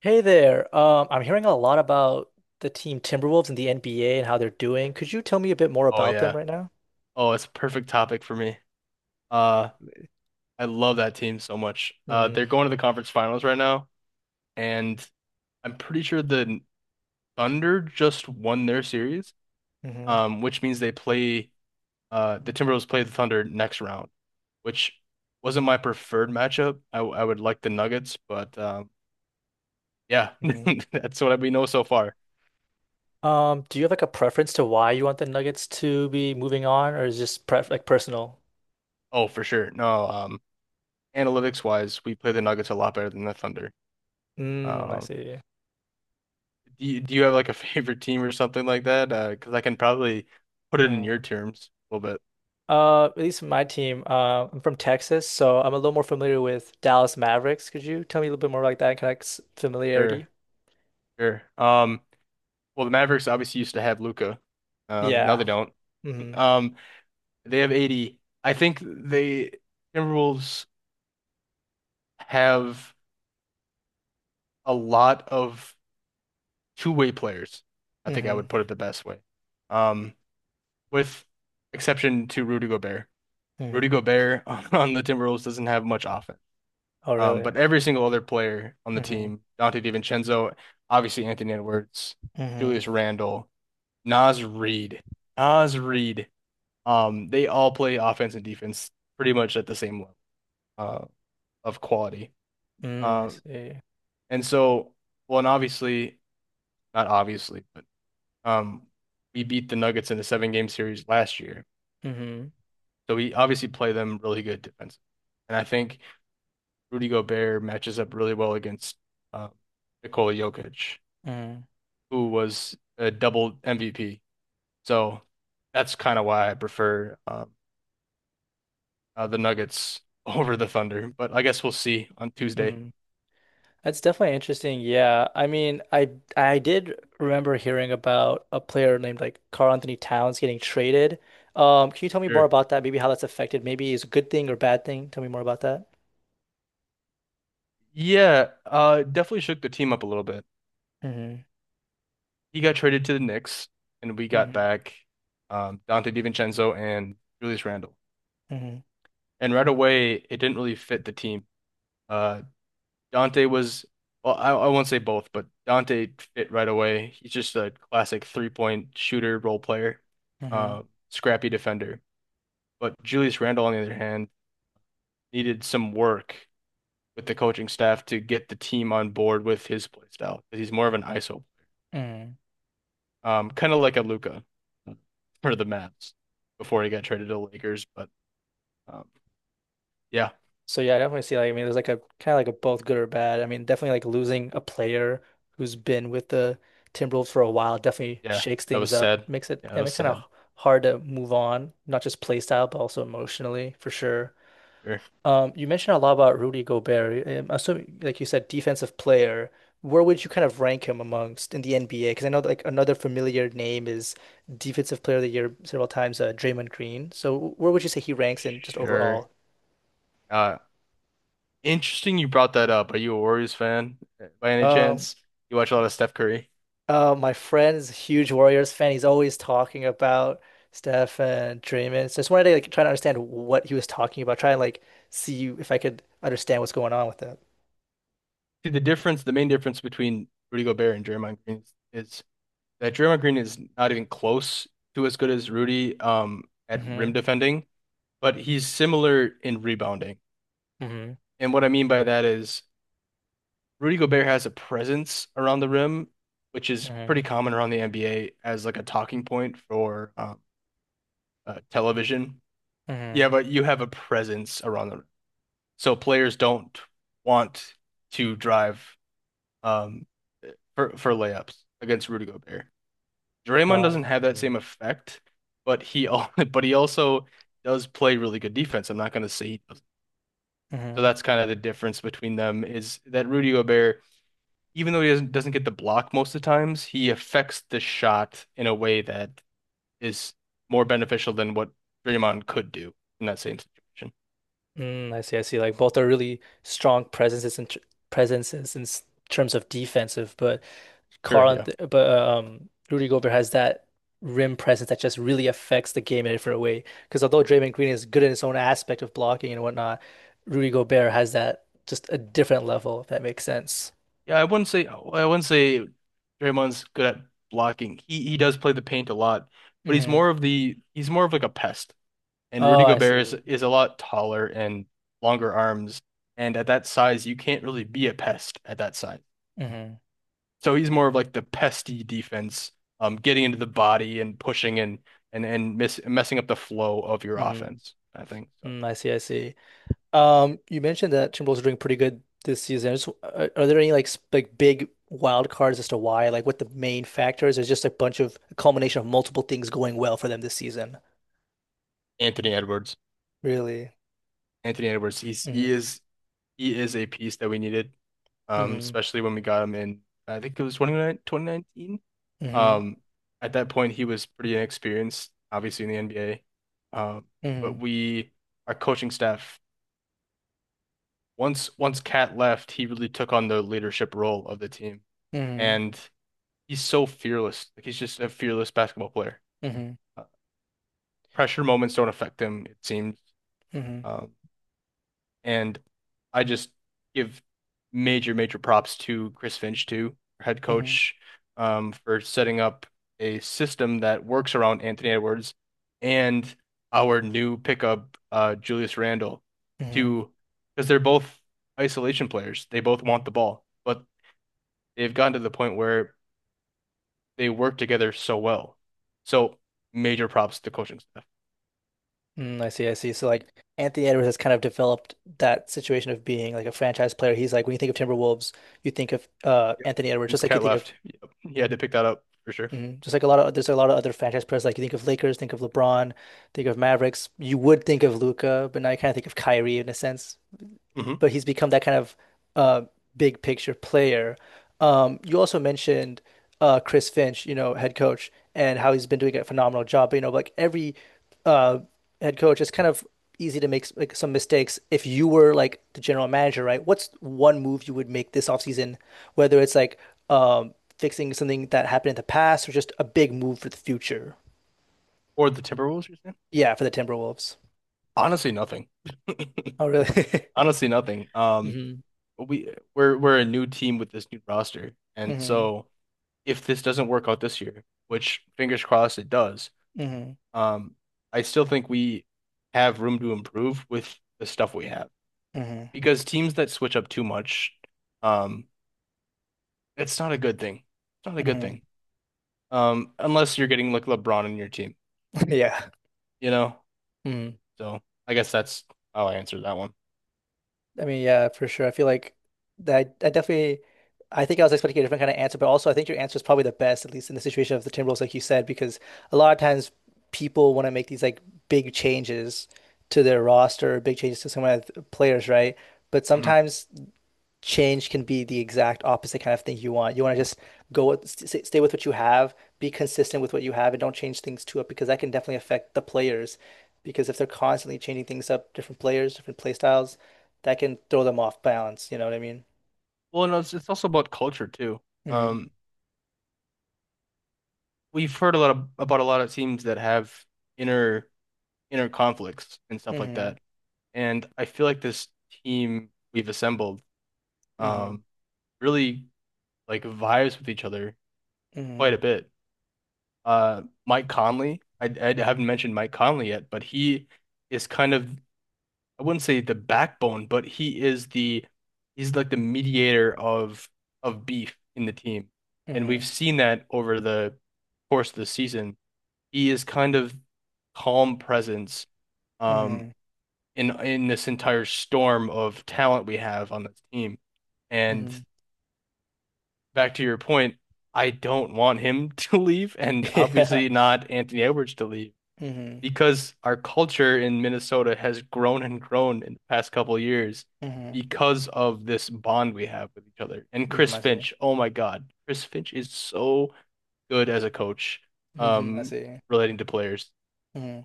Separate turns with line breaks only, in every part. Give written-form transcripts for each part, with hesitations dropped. Hey there. I'm hearing a lot about the team Timberwolves in the NBA and how they're doing. Could you tell me a bit more
Oh
about them
yeah.
right now?
Oh, it's a perfect topic for me. Uh, I love that team so much.
Mm-hmm.
They're going to the conference finals right now, and I'm pretty sure the Thunder just won their series,
Mm-hmm.
which means the Timberwolves play the Thunder next round, which wasn't my preferred matchup. I would like the Nuggets, but yeah,
hmm
that's what we know so far.
Do you have like a preference to why you want the Nuggets to be moving on, or is it just pref like personal?
Oh, for sure. No, analytics wise, we play the Nuggets a lot better than the Thunder.
Mm, I
Um.
see.
Do you have like a favorite team or something like that? Because I can probably put it in your
Mm.
terms a little bit.
At least for my team, I'm from Texas, so I'm a little more familiar with Dallas Mavericks. Could you tell me a little bit more like that kind of like,
Sure,
familiarity?
sure. Well, the Mavericks obviously used to have Luca. Now
Yeah.
they don't.
Mm-hmm.
Um, they have 80. I think they Timberwolves have a lot of two-way players. I think I would
Mm-hmm.
put it the best way. Um, with exception to Rudy Gobert. Rudy
Mm-hmm.
Gobert on the Timberwolves doesn't have much offense.
Oh, really?
But every single other player on the
Mm-hmm.
team, Dante DiVincenzo, obviously Anthony Edwards,
Mm-hmm.
Julius Randle, Naz Reid, Naz Reid, they all play offense and defense pretty much at the same level uh, of quality.
Mm, I
Uh,
see.
and so, well, and obviously, not obviously, but um, we beat the Nuggets in a seven game series last year.
Mm-hmm.
So we obviously play them really good defense. And I think Rudy Gobert matches up really well against uh, Nikola Jokic,
Mm-hmm.
who was a double MVP. So that's kind of why I prefer the Nuggets over the Thunder. But I guess we'll see on Tuesday.
Mm-hmm. That's definitely interesting. Yeah. I mean, I did remember hearing about a player named like Carl Anthony Towns getting traded. Can you tell me more
Sure.
about that? Maybe how that's affected. Maybe it's a good thing or bad thing. Tell me more about that.
Yeah, definitely shook the team up a little bit.
Mm-hmm.
He got traded to the Knicks, and we got
Mm-hmm.
back Dante DiVincenzo and Julius Randle.
Mm-hmm.
And right away, it didn't really fit the team. Uh, Dante was, well, I won't say both, but Dante fit right away. He's just a classic three-point shooter role player, uh, scrappy defender. But Julius Randle, on the other hand, needed some work with the coaching staff to get the team on board with his play style 'cause he's more of an ISO,
Mm-hmm.
kind of like a Luka for the Mavs before he got traded to the Lakers. But um, yeah,
So yeah, I definitely see like I mean there's like a kind of like a both good or bad. I mean, definitely like losing a player who's been with the Timberwolves for a while definitely
yeah,
shakes
that was
things up,
sad.
makes it
Yeah, that
yeah,
was
makes it kind of
sad.
hard to move on, not just play style, but also emotionally for sure.
Sure,
You mentioned a lot about Rudy Gobert. I'm assuming, like you said, defensive player. Where would you kind of rank him amongst in the NBA? Because I know like another familiar name is Defensive Player of the Year several times, Draymond Green. So where would you say he ranks in just
sure.
overall?
Uh, Interesting you brought that up. Are you a Warriors fan by any
Um.
chance? You watch a lot of Steph Curry.
My friend's a huge Warriors fan. He's always talking about Steph and Draymond. So I just wanted to like try to understand what he was talking about, try and like see if I could understand what's going on with it.
See, the main difference between Rudy Gobert and Draymond Green is that Draymond Green is not even close to as good as Rudy at rim
Mm-hmm.
defending, but he's similar in rebounding.
Mm-hmm.
And what I mean by that is Rudy Gobert has a presence around the rim, which is
Mm-hmm.
pretty common around the NBA as like a talking point for television.
Mm-hmm.
Yeah, but you have a presence around the rim. So players don't want to drive um, for layups against Rudy Gobert. Draymond doesn't
Oh.
have that same effect, but but he also does play really good defense. I'm not going to say he doesn't. So
Mm-hmm.
that's kind of the difference between them is that Rudy Gobert, even though he doesn't get the block most of the times, he affects the shot in a way that is more beneficial than what Draymond could do in that same situation.
Mm, I see. I see. Like both are really strong presences and presences in terms of defensive, but
Sure, yeah.
Rudy Gobert has that rim presence that just really affects the game in a different way. Because although Draymond Green is good in his own aspect of blocking and whatnot, Rudy Gobert has that just a different level, if that makes sense.
Yeah, I wouldn't say Draymond's good at blocking. He does play the paint a lot, but
Hmm
he's more of like a pest. And
Oh,
Rudy
I
Gobert is
see.
is a lot taller and longer arms, and at that size, you can't really be a pest at that size.
Hmm
So he's more of like the pesty defense, getting into the body and pushing and messing up the flow of your
hmm
offense, I think. So
Mm, I see. I see. You mentioned that Timberwolves are doing pretty good this season. Are there any like like big wild cards as to why, like what the main factors is? Just a bunch of a culmination of multiple things going well for them this season.
Anthony Edwards,
Really.
Anthony Edwards, he's he
Hmm
is he is a piece that we needed,
hmm
especially when we got him in, I think it was 29.
hmm
Um, at that point, he was pretty inexperienced, obviously in the NBA. Um, but
hmm
our coaching staff, once Cat left, he really took on the leadership role of the team,
hmm
and he's so fearless. Like he's just a fearless basketball player.
hmm
Uh, Pressure moments don't affect him, it seems.
hmm
Um, And I just give major, major props to Chris Finch, too, head
hmm
coach, for setting up a system that works around Anthony Edwards and our new pickup, Julius Randle,
hmm
to because they're both isolation players. They both want the ball, but they've gotten to the point where they work together so well. So major props to coaching staff.
Mm, I see, I see. So like Anthony Edwards has kind of developed that situation of being like a franchise player. He's like when you think of Timberwolves, you think of
Yep.
Anthony Edwards,
Since
just like you
Cat
think of
left, yep, he had to pick that up for sure.
hmm. Just like a lot of there's a lot of other franchise players. Like you think of Lakers, think of LeBron, think of Mavericks. You would think of Luca, but now you kind of think of Kyrie in a sense,
hmm
but he's become that kind of uh, big picture player. You also mentioned Chris Finch, you know, head coach, and how he's been doing a phenomenal job. But, you know, like every uh, head coach, it's kind of easy to make like some mistakes. If you were like the general manager, right? What's one move you would make this offseason, whether it's like fixing something that happened in the past or just a big move for the future?
Or the Timberwolves, you're saying?
Yeah, for the Timberwolves.
Honestly, nothing.
Oh, really?
Honestly, nothing.
hmm
We we're a new team with this new roster, and
hmm
so if this doesn't work out this year, which fingers crossed it does,
hmm
um, I still think we have room to improve with the stuff we have
hmm
because teams that switch up too much, um, it's not a good thing. It's not a good
hmm
thing. Unless you're getting like LeBron in your team,
Yeah.
you know.
Mhm.
So I guess that's how I answered that one.
I mean, yeah, for sure. I feel like that I definitely I think I was expecting a different kind of answer, but also I think your answer is probably the best, at least in the situation of the Timberwolves, like you said, because a lot of times people want to make these like big changes to their roster, big changes to some of the players, right? But
Mhm.
sometimes change can be the exact opposite kind of thing you want. You want to just go with, st stay with what you have, be consistent with what you have, and don't change things too up because that can definitely affect the players. Because if they're constantly changing things up, different players, different play styles, that can throw them off balance. You know what I mean?
Well, no, it's also about culture too.
Mm-hmm.
Um, We've heard about a lot of teams that have inner inner conflicts and stuff like
Mm-hmm.
that. And I feel like this team we've assembled
Mm-hmm.
um, really like vibes with each other
Mm-hmm.
quite a bit. Mike Conley, I haven't mentioned Mike Conley yet, but he is kind of, I wouldn't say the backbone, but he's like the mediator of beef in the team, and we've
Mm-hmm.
seen that over the course of the season. He is kind of calm presence um
Mm-hmm.
in this entire storm of talent we have on this team. And
Mm-hmm.
back to your point, I don't want him to leave, and
Yeah.
obviously not Anthony Edwards to leave
Mm-hmm.
because our culture in Minnesota has grown and grown in the past couple of years
Mm-hmm.
because of this bond we have with each other. And
Mm-hmm.
Chris
I see.
Finch, oh my God, Chris Finch is so good as a coach,
Mm-hmm. I
um,
see.
relating to players.
Mm-hmm.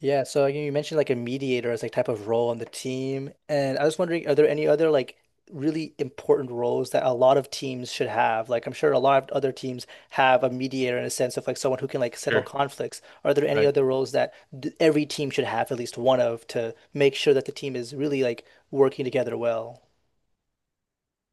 Yeah, so you mentioned like a mediator as like type of role on the team, and I was wondering, are there any other like really important roles that a lot of teams should have? Like I'm sure a lot of other teams have a mediator in a sense of like someone who can like settle
Sure,
conflicts. Are there any
right.
other roles that th every team should have at least one of to make sure that the team is really like working together well?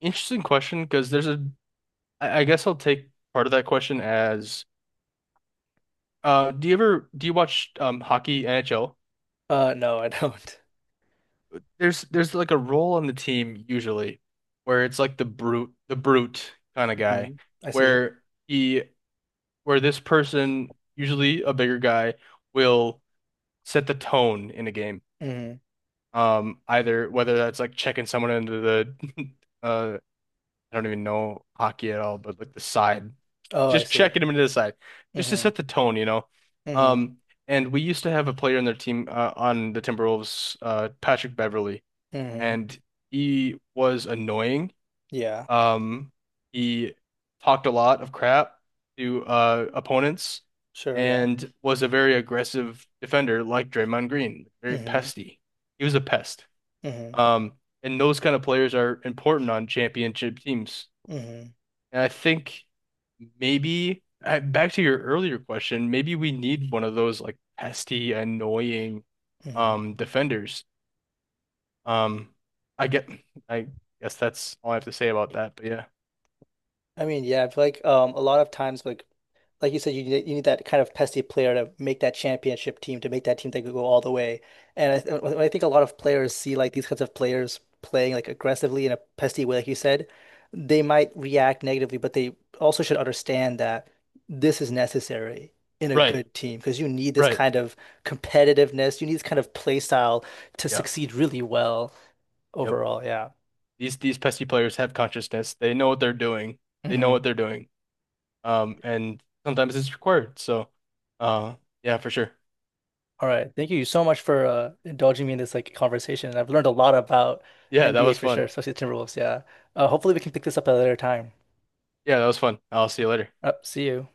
Interesting question because there's a I guess I'll take part of that question as do you watch hockey NHL?
No, I don't.
There's like a role on the team usually where it's like the brute kind of
Hmm
guy
I see it.
where he where this person, usually a bigger guy, will set the tone in a game.
Hmm
Either whether that's like checking someone into the uh I don't even know hockey at all, but like the side,
Oh, I
just
see.
checking him into the side, just to
Hmm
set the tone.
hmm
Um, and we used to have a player in their team on the Timberwolves, Patrick Beverly,
hmm
and he was annoying.
Yeah,
Um, he talked a lot of crap to opponents
sure. Yeah.
and was a very aggressive defender, like Draymond Green, very
hmm
pesty. He was a pest.
hmm
Um, and those kind of players are important on championship teams,
hmm
and I think back to your earlier question, maybe we need one of those like pesky, annoying
hmm
defenders. Um I get I guess that's all I have to say about that, but yeah.
I mean, yeah, I feel like a lot of times like you said, you need that kind of pesky player to make that championship team, to make that team that could go all the way. And I think a lot of players see like these kinds of players playing like aggressively in a pesky way, like you said, they might react negatively, but they also should understand that this is necessary in a
Right,
good team because you need this
right.
kind of competitiveness, you need this kind of play style to
Yeah.
succeed really well
Yep.
overall. Yeah.
These pesky players have consciousness. They know what they're doing. They know
Mhm.
what they're doing. And sometimes it's required. So uh yeah, for sure.
All right. Thank you so much for indulging me in this like conversation. I've learned a lot about
Yeah, that
NBA
was
for sure,
fun.
especially the Timberwolves. Yeah. Hopefully we can pick this up at a later time.
Yeah, that was fun. I'll see you later.
See you.